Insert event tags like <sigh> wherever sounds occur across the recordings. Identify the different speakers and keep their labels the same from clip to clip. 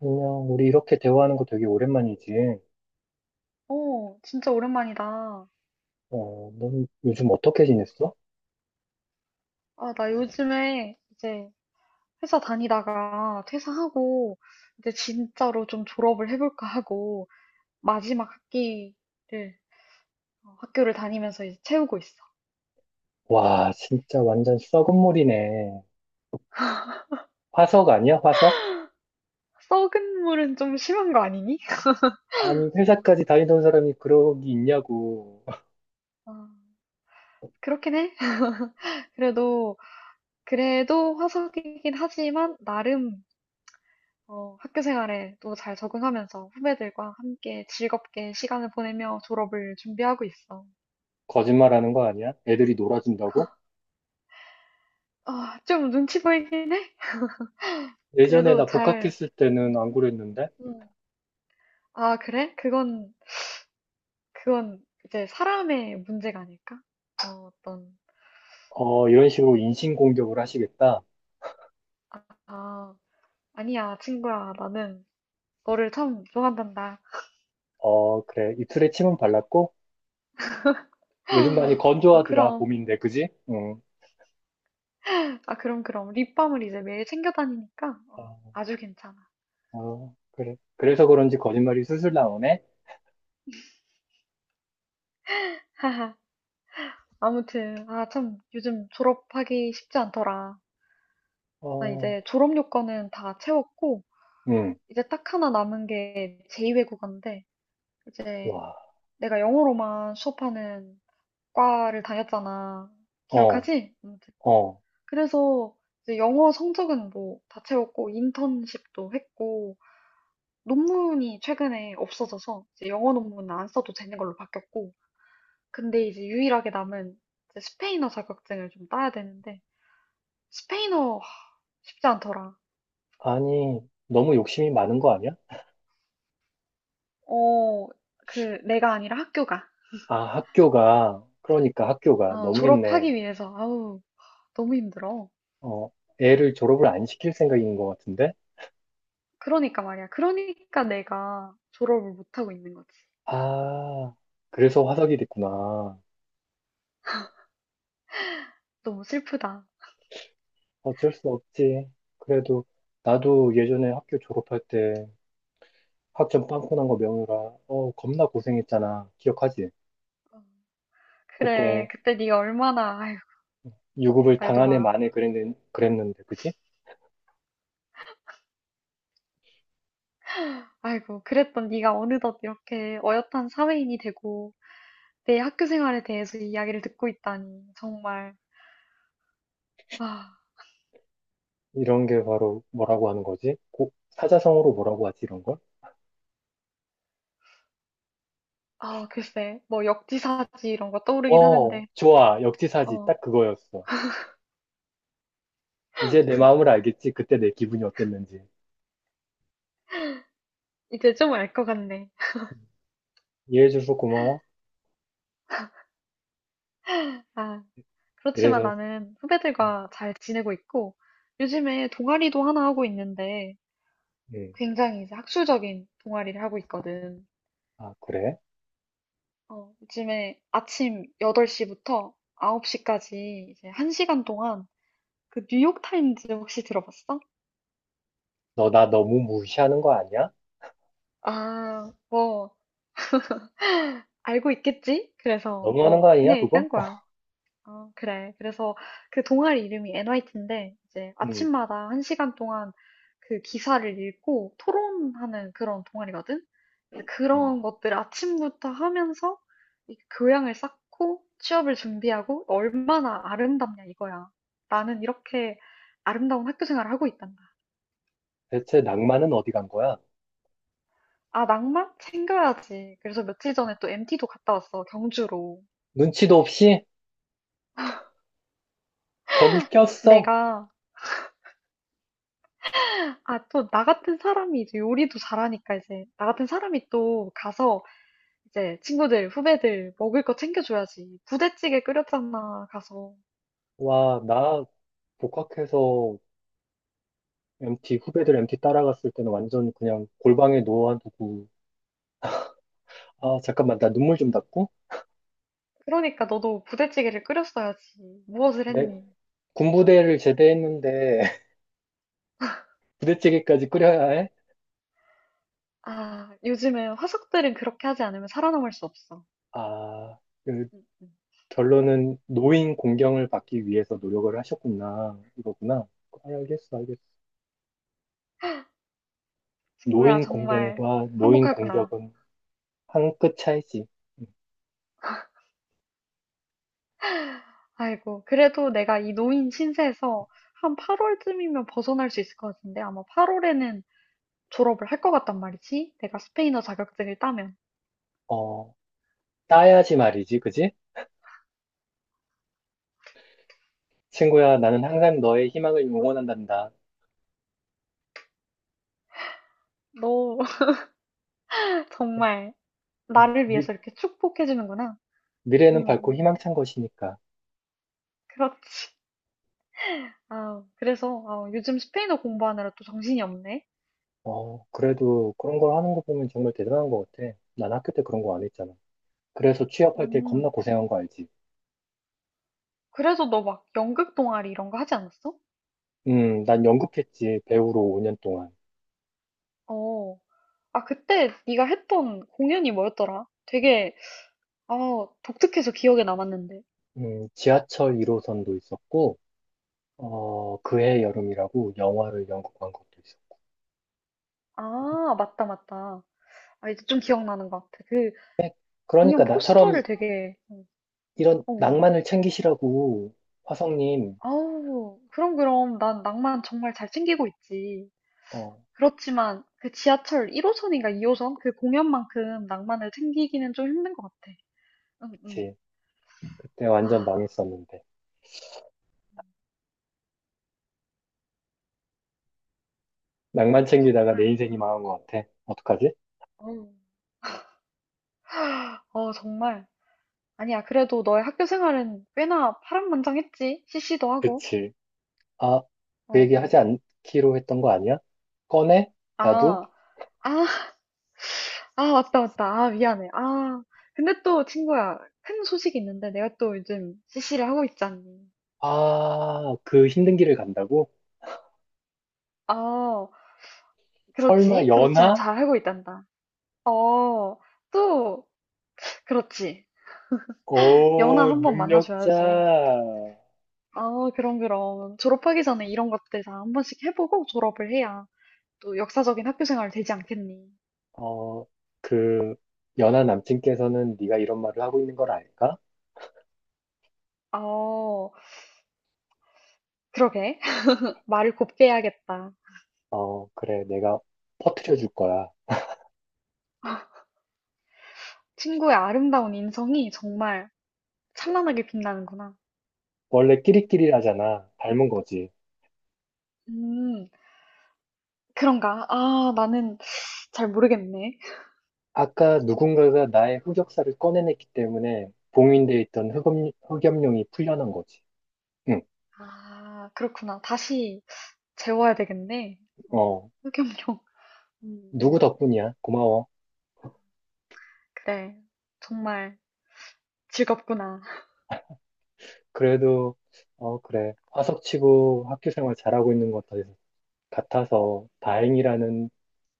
Speaker 1: 안녕, 우리 이렇게 대화하는 거 되게 오랜만이지.
Speaker 2: 진짜 오랜만이다.
Speaker 1: 어, 넌 요즘 어떻게 지냈어?
Speaker 2: 나 요즘에 이제 회사 다니다가 퇴사하고 이제 진짜로 좀 졸업을 해볼까 하고 마지막 학기를 학교를 다니면서 이제 채우고 있어.
Speaker 1: 와, 진짜 완전 썩은 물이네. 화석 아니야, 화석?
Speaker 2: 썩은 물은 좀 심한 거 아니니?
Speaker 1: 아니, 회사까지 다니던 사람이 그러기 있냐고. <laughs>
Speaker 2: 아, 그렇긴 해. <laughs> 그래도 그래도 화석이긴 하지만 나름 학교 생활에 또 잘 적응하면서 후배들과 함께 즐겁게 시간을 보내며 졸업을 준비하고 있어.
Speaker 1: 거짓말하는 거 아니야? 애들이 놀아준다고?
Speaker 2: 좀 눈치 보이긴 해.
Speaker 1: 예전에
Speaker 2: 그래도
Speaker 1: 나
Speaker 2: 잘,
Speaker 1: 복학했을 때는
Speaker 2: 음.
Speaker 1: 안 그랬는데?
Speaker 2: 음. 아, 그래? 그건 이제 사람의 문제가 아닐까? 어, 어떤,
Speaker 1: 어, 이런 식으로 인신공격을 하시겠다.
Speaker 2: 아, 아, 아니야, 친구야. 나는 너를 참 좋아한단다.
Speaker 1: 어, 그래. 이틀에 침은 발랐고? 요즘 많이
Speaker 2: 아,
Speaker 1: 건조하더라,
Speaker 2: 그럼.
Speaker 1: 봄인데, 그지? 응.
Speaker 2: 아, 그럼, 그럼. 립밤을 이제 매일 챙겨 다니니까,
Speaker 1: 어,
Speaker 2: 아주 괜찮아.
Speaker 1: 어, 그래. 그래서 그런지 거짓말이 술술 나오네?
Speaker 2: <laughs> 아무튼, 아, 참, 요즘 졸업하기 쉽지 않더라. 나
Speaker 1: 어.
Speaker 2: 이제 졸업 요건은 다 채웠고,
Speaker 1: 응.
Speaker 2: 이제 딱 하나 남은 게 제2외국어인데, 이제
Speaker 1: 와,
Speaker 2: 내가 영어로만 수업하는 과를 다녔잖아.
Speaker 1: 어,
Speaker 2: 기억하지? 아무튼.
Speaker 1: 어.
Speaker 2: 그래서 이제 영어 성적은 뭐 다 채웠고 인턴십도 했고, 논문이 최근에 없어져서 이제 영어 논문은 안 써도 되는 걸로 바뀌었고, 근데 이제 유일하게 남은 이제 스페인어 자격증을 좀 따야 되는데, 스페인어 하, 쉽지 않더라.
Speaker 1: 아니, 너무 욕심이 많은 거 아니야?
Speaker 2: 어, 그 내가 아니라 학교가.
Speaker 1: 아, 학교가, 그러니까 학교가
Speaker 2: 어,
Speaker 1: 너무했네.
Speaker 2: 졸업하기 위해서 아우 너무 힘들어.
Speaker 1: 어, 애를 졸업을 안 시킬 생각인 것 같은데?
Speaker 2: 그러니까 말이야. 그러니까 내가 졸업을 못하고 있는 거지.
Speaker 1: 아, 그래서 화석이 됐구나.
Speaker 2: 너무 슬프다.
Speaker 1: 어쩔 수 없지. 그래도 나도 예전에 학교 졸업할 때 학점 빵꾸 난 거 명유라, 어, 겁나 고생했잖아. 기억하지?
Speaker 2: 어. 그래,
Speaker 1: 그때
Speaker 2: 그때 네가 얼마나, 아이고,
Speaker 1: 유급을
Speaker 2: 말도
Speaker 1: 당한 애
Speaker 2: 마.
Speaker 1: 만에 그랬는데, 그지?
Speaker 2: 아이고, 그랬던 네가 어느덧 이렇게 어엿한 사회인이 되고 내 학교 생활에 대해서 이야기를 듣고 있다니, 정말. 아,
Speaker 1: 이런 게 바로 뭐라고 하는 거지? 고, 사자성어로 뭐라고 하지, 이런 걸?
Speaker 2: 아, 글쎄, 뭐 역지사지 이런 거 떠오르긴
Speaker 1: 어,
Speaker 2: 하는데,
Speaker 1: 좋아. 역지사지.
Speaker 2: 어,
Speaker 1: 딱 그거였어. 이제 내 마음을 알겠지. 그때 내 기분이 어땠는지.
Speaker 2: 이제 좀 알 것 같네.
Speaker 1: 음, 이해해줘서 고마워.
Speaker 2: 아, 그렇지만
Speaker 1: 이래서,
Speaker 2: 나는
Speaker 1: 음,
Speaker 2: 후배들과 잘 지내고 있고, 요즘에 동아리도 하나 하고 있는데,
Speaker 1: 음.
Speaker 2: 굉장히 이제 학술적인 동아리를 하고 있거든.
Speaker 1: 아, 그래?
Speaker 2: 어, 요즘에 아침 8시부터 9시까지 이제 1시간 동안 그 뉴욕타임즈 혹시 들어봤어?
Speaker 1: 너 나 너무 무시하는 거 아니야?
Speaker 2: 아, 뭐, 알고 있겠지? 그래서
Speaker 1: 너무하는
Speaker 2: 뭐,
Speaker 1: 거 아니야,
Speaker 2: 그냥
Speaker 1: 그거?
Speaker 2: 얘기한 거야. 어, 그래. 그래서 그 동아리 이름이 NYT인데, 이제
Speaker 1: 음,
Speaker 2: 아침마다 한 시간 동안 그 기사를 읽고 토론하는 그런 동아리거든? 이제
Speaker 1: 음.
Speaker 2: 그런 것들 아침부터 하면서 이 교양을 쌓고 취업을 준비하고 얼마나 아름답냐 이거야. 나는 이렇게 아름다운 학교 생활을 하고 있단다.
Speaker 1: 대체 낭만은 어디 간 거야?
Speaker 2: 아, 낭만? 챙겨야지. 그래서 며칠 전에 또 MT도 갔다 왔어, 경주로.
Speaker 1: 눈치도 없이 거길 꼈어.
Speaker 2: 내가 아, 또, 나 같은 사람이 이제 요리도 잘하니까 이제, 나 같은 사람이 또 가서 이제 친구들, 후배들 먹을 거 챙겨줘야지. 부대찌개 끓였잖아, 가서.
Speaker 1: 와, 나 복학해서 MT 후배들 MT 따라갔을 때는 완전 그냥 골방에 놓아두고. 아, 잠깐만, 나 눈물 좀 닦고.
Speaker 2: 그러니까 너도 부대찌개를 끓였어야지. 무엇을
Speaker 1: 내
Speaker 2: 했니?
Speaker 1: 군부대를 제대했는데 부대찌개까지 끓여야 해?
Speaker 2: 아, 요즘은 화석들은 그렇게 하지 않으면 살아남을 수 없어.
Speaker 1: 아, 그
Speaker 2: 음, 음.
Speaker 1: 결론은 노인 공경을 받기 위해서 노력을 하셨구나. 이거구나. 아, 알겠어, 알겠어.
Speaker 2: 친구야,
Speaker 1: 노인
Speaker 2: 정말
Speaker 1: 공경과 노인
Speaker 2: 화목하구나.
Speaker 1: 공격은 한 끗 차이지. 음.
Speaker 2: <laughs> 아이고, 그래도 내가 이 노인 신세에서 한 8월쯤이면 벗어날 수 있을 것 같은데, 아마 8월에는 졸업을 할 것 같단 말이지. 내가 스페인어 자격증을 따면.
Speaker 1: 어, 따야지 말이지, 그지? 친구야, 나는 항상 너의 희망을 응원한단다.
Speaker 2: 너 <laughs>
Speaker 1: 그래.
Speaker 2: 정말
Speaker 1: 음,
Speaker 2: 나를
Speaker 1: 미,
Speaker 2: 위해서 이렇게 축복해주는구나. 음,
Speaker 1: 미래는 밝고
Speaker 2: 음.
Speaker 1: 희망찬 것이니까.
Speaker 2: 그렇지. <laughs> 그래서 아, 요즘 스페인어 공부하느라 또 정신이 없네.
Speaker 1: 어, 그래도 그런 걸 하는 거 보면 정말 대단한 것 같아. 난 학교 때 그런 거 안 했잖아. 그래서 취업할 때
Speaker 2: 음,
Speaker 1: 겁나 고생한 거 알지?
Speaker 2: 그래서 너 막 연극 동아리 이런 거 하지 않았어?
Speaker 1: 난 연극했지, 배우로 5년 동안.
Speaker 2: 어, 아 그때 네가 했던 공연이 뭐였더라? 되게 아 독특해서 기억에 남았는데.
Speaker 1: 지하철 1호선도 있었고, 어, 그해 여름이라고 영화를 연극한 것도 있었고.
Speaker 2: 아, 맞다, 맞다. 아, 이제 좀 기억나는 것 같아. 그 공연
Speaker 1: 그러니까 나처럼
Speaker 2: 포스터를 되게,
Speaker 1: 이런
Speaker 2: 어.
Speaker 1: 낭만을 챙기시라고, 화성님,
Speaker 2: 아우, 그럼, 그럼. 난 낭만 정말 잘 챙기고 있지.
Speaker 1: 어,
Speaker 2: 그렇지만 그 지하철 1호선인가 2호선 그 공연만큼 낭만을 챙기기는 좀 힘든 것 같아. 응, 응.
Speaker 1: 그치. 그때 완전
Speaker 2: 아,
Speaker 1: 망했었는데. 낭만 챙기다가 내
Speaker 2: 정말.
Speaker 1: 인생이 망한 것 같아. 어떡하지?
Speaker 2: 어 어, 정말. 아니야, 그래도 너의 학교 생활은 꽤나 파란만장했지. CC도 하고.
Speaker 1: 그치. 아,
Speaker 2: 어,
Speaker 1: 그 얘기 하지
Speaker 2: 어.
Speaker 1: 않기로 했던 거 아니야? 꺼내?
Speaker 2: 아,
Speaker 1: 나도?
Speaker 2: 아, 아, 맞다, 맞다. 아, 미안해. 근데 또 친구야, 큰 소식이 있는데 내가 또 요즘 CC를 하고 있잖니.
Speaker 1: 아, 그 힘든 길을 간다고?
Speaker 2: 아,
Speaker 1: 설마
Speaker 2: 그렇지. 그렇지만
Speaker 1: 연하?
Speaker 2: 잘 하고 있단다. 어, 또, 그렇지. 연하
Speaker 1: 오,
Speaker 2: 한 번 만나줘야지.
Speaker 1: 능력자.
Speaker 2: 아, 그럼, 그럼. 졸업하기 전에 이런 것들 다 한 번씩 해보고 졸업을 해야 또 역사적인 학교 생활 되지 않겠니?
Speaker 1: 어, 그 연하 남친께서는 네가 이런 말을 하고 있는 걸 알까?
Speaker 2: 어, 그러게. <laughs> 말을 곱게 해야겠다.
Speaker 1: 어, 그래, 내가 퍼뜨려 줄 거야.
Speaker 2: 친구의 아름다운 인성이 정말 찬란하게 빛나는구나.
Speaker 1: 원래 끼리끼리라잖아. 닮은 거지.
Speaker 2: 음, 그런가? 아, 나는 잘 모르겠네.
Speaker 1: 아까 누군가가 나의 흑역사를 꺼내냈기 때문에 봉인돼 있던 흑염룡이 풀려난 거지. 응,
Speaker 2: 아, 그렇구나. 다시 재워야 되겠네. 어,
Speaker 1: 어,
Speaker 2: 흑염룡. 음,
Speaker 1: 누구
Speaker 2: 음.
Speaker 1: 덕분이야? 고마워.
Speaker 2: 그래. 정말 즐겁구나.
Speaker 1: 그래도, 어, 그래. 화석치고 학교 생활 잘하고 있는 것 같아서 다행이라는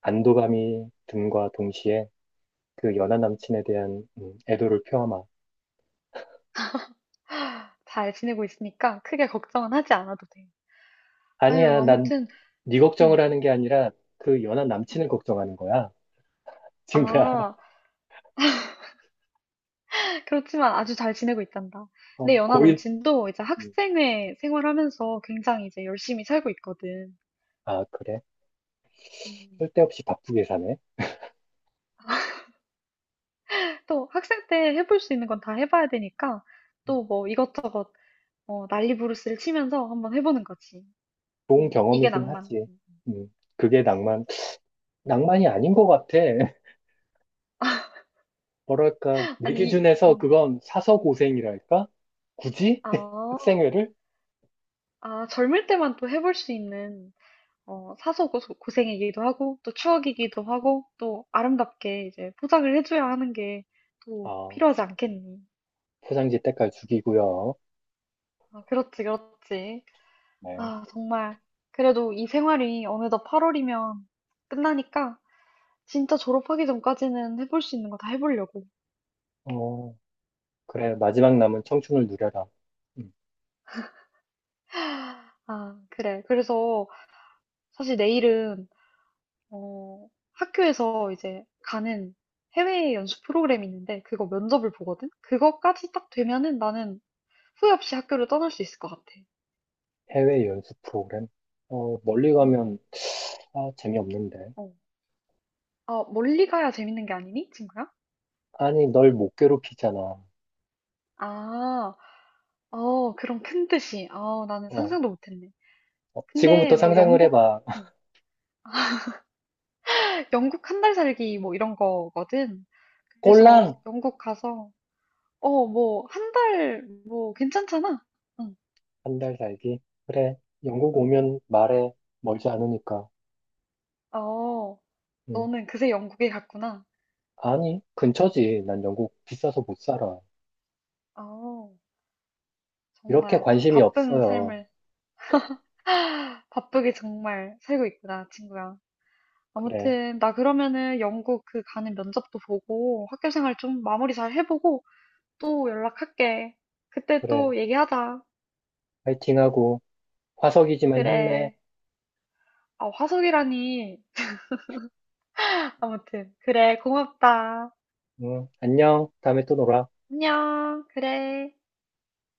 Speaker 1: 안도감이 듦과 동시에 그 연하 남친에 대한 애도를 표하마.
Speaker 2: 잘 지내고 있으니까 크게 걱정은 하지 않아도 돼. 아유,
Speaker 1: 아니야, 난
Speaker 2: 아무튼,
Speaker 1: 네 걱정을
Speaker 2: 음,
Speaker 1: 하는 게 아니라 그 연하 남친을
Speaker 2: 음.
Speaker 1: 걱정하는 거야, 친구야.
Speaker 2: 아,
Speaker 1: <laughs>
Speaker 2: 그렇지만 아주 잘 지내고 있단다. 내
Speaker 1: 어,
Speaker 2: 연하
Speaker 1: 고일.
Speaker 2: 남친도 이제
Speaker 1: 음,
Speaker 2: 학생회 생활하면서 굉장히 이제 열심히 살고 있거든.
Speaker 1: 아, 그래.
Speaker 2: 음.
Speaker 1: 쓸데없이 바쁘게 사네.
Speaker 2: 또 학생 때 해볼 수 있는 건 다 해봐야 되니까
Speaker 1: 음,
Speaker 2: 또 뭐 이것저것 어, 난리부르스를 치면서 한번 해보는 거지.
Speaker 1: 좋은
Speaker 2: 이게
Speaker 1: 경험이긴
Speaker 2: 낭만.
Speaker 1: 하지.
Speaker 2: 음.
Speaker 1: 그게 낭만. 낭만이 아닌 것 같아. <laughs> 뭐랄까, 내
Speaker 2: 아니, 이-
Speaker 1: 기준에서 그건 사서 고생이랄까? 굳이? <laughs>
Speaker 2: 아,
Speaker 1: 학생회를?
Speaker 2: 아, 젊을 때만 또 해볼 수 있는 어, 사서 고생이기도 하고, 또 추억이기도 하고, 또 아름답게 이제 포장을 해줘야 하는 게 또
Speaker 1: 아,
Speaker 2: 필요하지 않겠니?
Speaker 1: 포장지 때깔 죽이고요.
Speaker 2: 아, 그렇지, 그렇지.
Speaker 1: 네.
Speaker 2: 아, 정말. 그래도 이 생활이 어느덧 8월이면 끝나니까 진짜 졸업하기 전까지는 해볼 수 있는 거 다 해보려고.
Speaker 1: 어, 그래, 마지막 남은 청춘을 누려라. 음,
Speaker 2: 아, 그래. 그래서 사실 내일은, 어, 학교에서 이제 가는 해외 연수 프로그램이 있는데 그거 면접을 보거든? 그거까지 딱 되면은 나는 후회 없이 학교를 떠날 수 있을 것 같아.
Speaker 1: 해외 연수 프로그램? 어, 멀리
Speaker 2: 응,
Speaker 1: 가면 다 재미없는데.
Speaker 2: 어. 아, 멀리 가야 재밌는 게 아니니, 친구야?
Speaker 1: 아니, 널 못 괴롭히잖아.
Speaker 2: 아, 어, 그런 큰 뜻이. 아, 나는
Speaker 1: 어,
Speaker 2: 상상도 못했네.
Speaker 1: 어,
Speaker 2: 근데
Speaker 1: 지금부터
Speaker 2: 뭐
Speaker 1: 상상을
Speaker 2: 영국,
Speaker 1: 해봐. <laughs>
Speaker 2: 응. 영국 한 달 살기 뭐 이런 거거든. 그래서
Speaker 1: 꼴랑!
Speaker 2: 영국 가서, 어, 뭐, 한 달, 뭐, 괜찮잖아. 응,
Speaker 1: 한 달 살기. 그래, 영국
Speaker 2: 응.
Speaker 1: 오면 말해. 멀지 않으니까.
Speaker 2: 어,
Speaker 1: 음,
Speaker 2: 너는 그새 영국에 갔구나.
Speaker 1: 아니, 근처지. 난 영국 비싸서 못 살아.
Speaker 2: 어,
Speaker 1: 이렇게
Speaker 2: 정말
Speaker 1: 관심이
Speaker 2: 바쁜
Speaker 1: 없어요.
Speaker 2: 삶을, 바쁘게 정말 살고 있구나, 친구야.
Speaker 1: 그래,
Speaker 2: 아무튼 나 그러면은 영국 그 가는 면접도 보고 학교 생활 좀 마무리 잘 해보고 또 연락할게. 그때
Speaker 1: 그래.
Speaker 2: 또 얘기하자.
Speaker 1: 파이팅하고, 화석이지만 힘내.
Speaker 2: 그래. 아, 화석이라니. 아무튼 그래. 고맙다.
Speaker 1: 응, 안녕. 다음에 또 놀아.
Speaker 2: 안녕. 그래.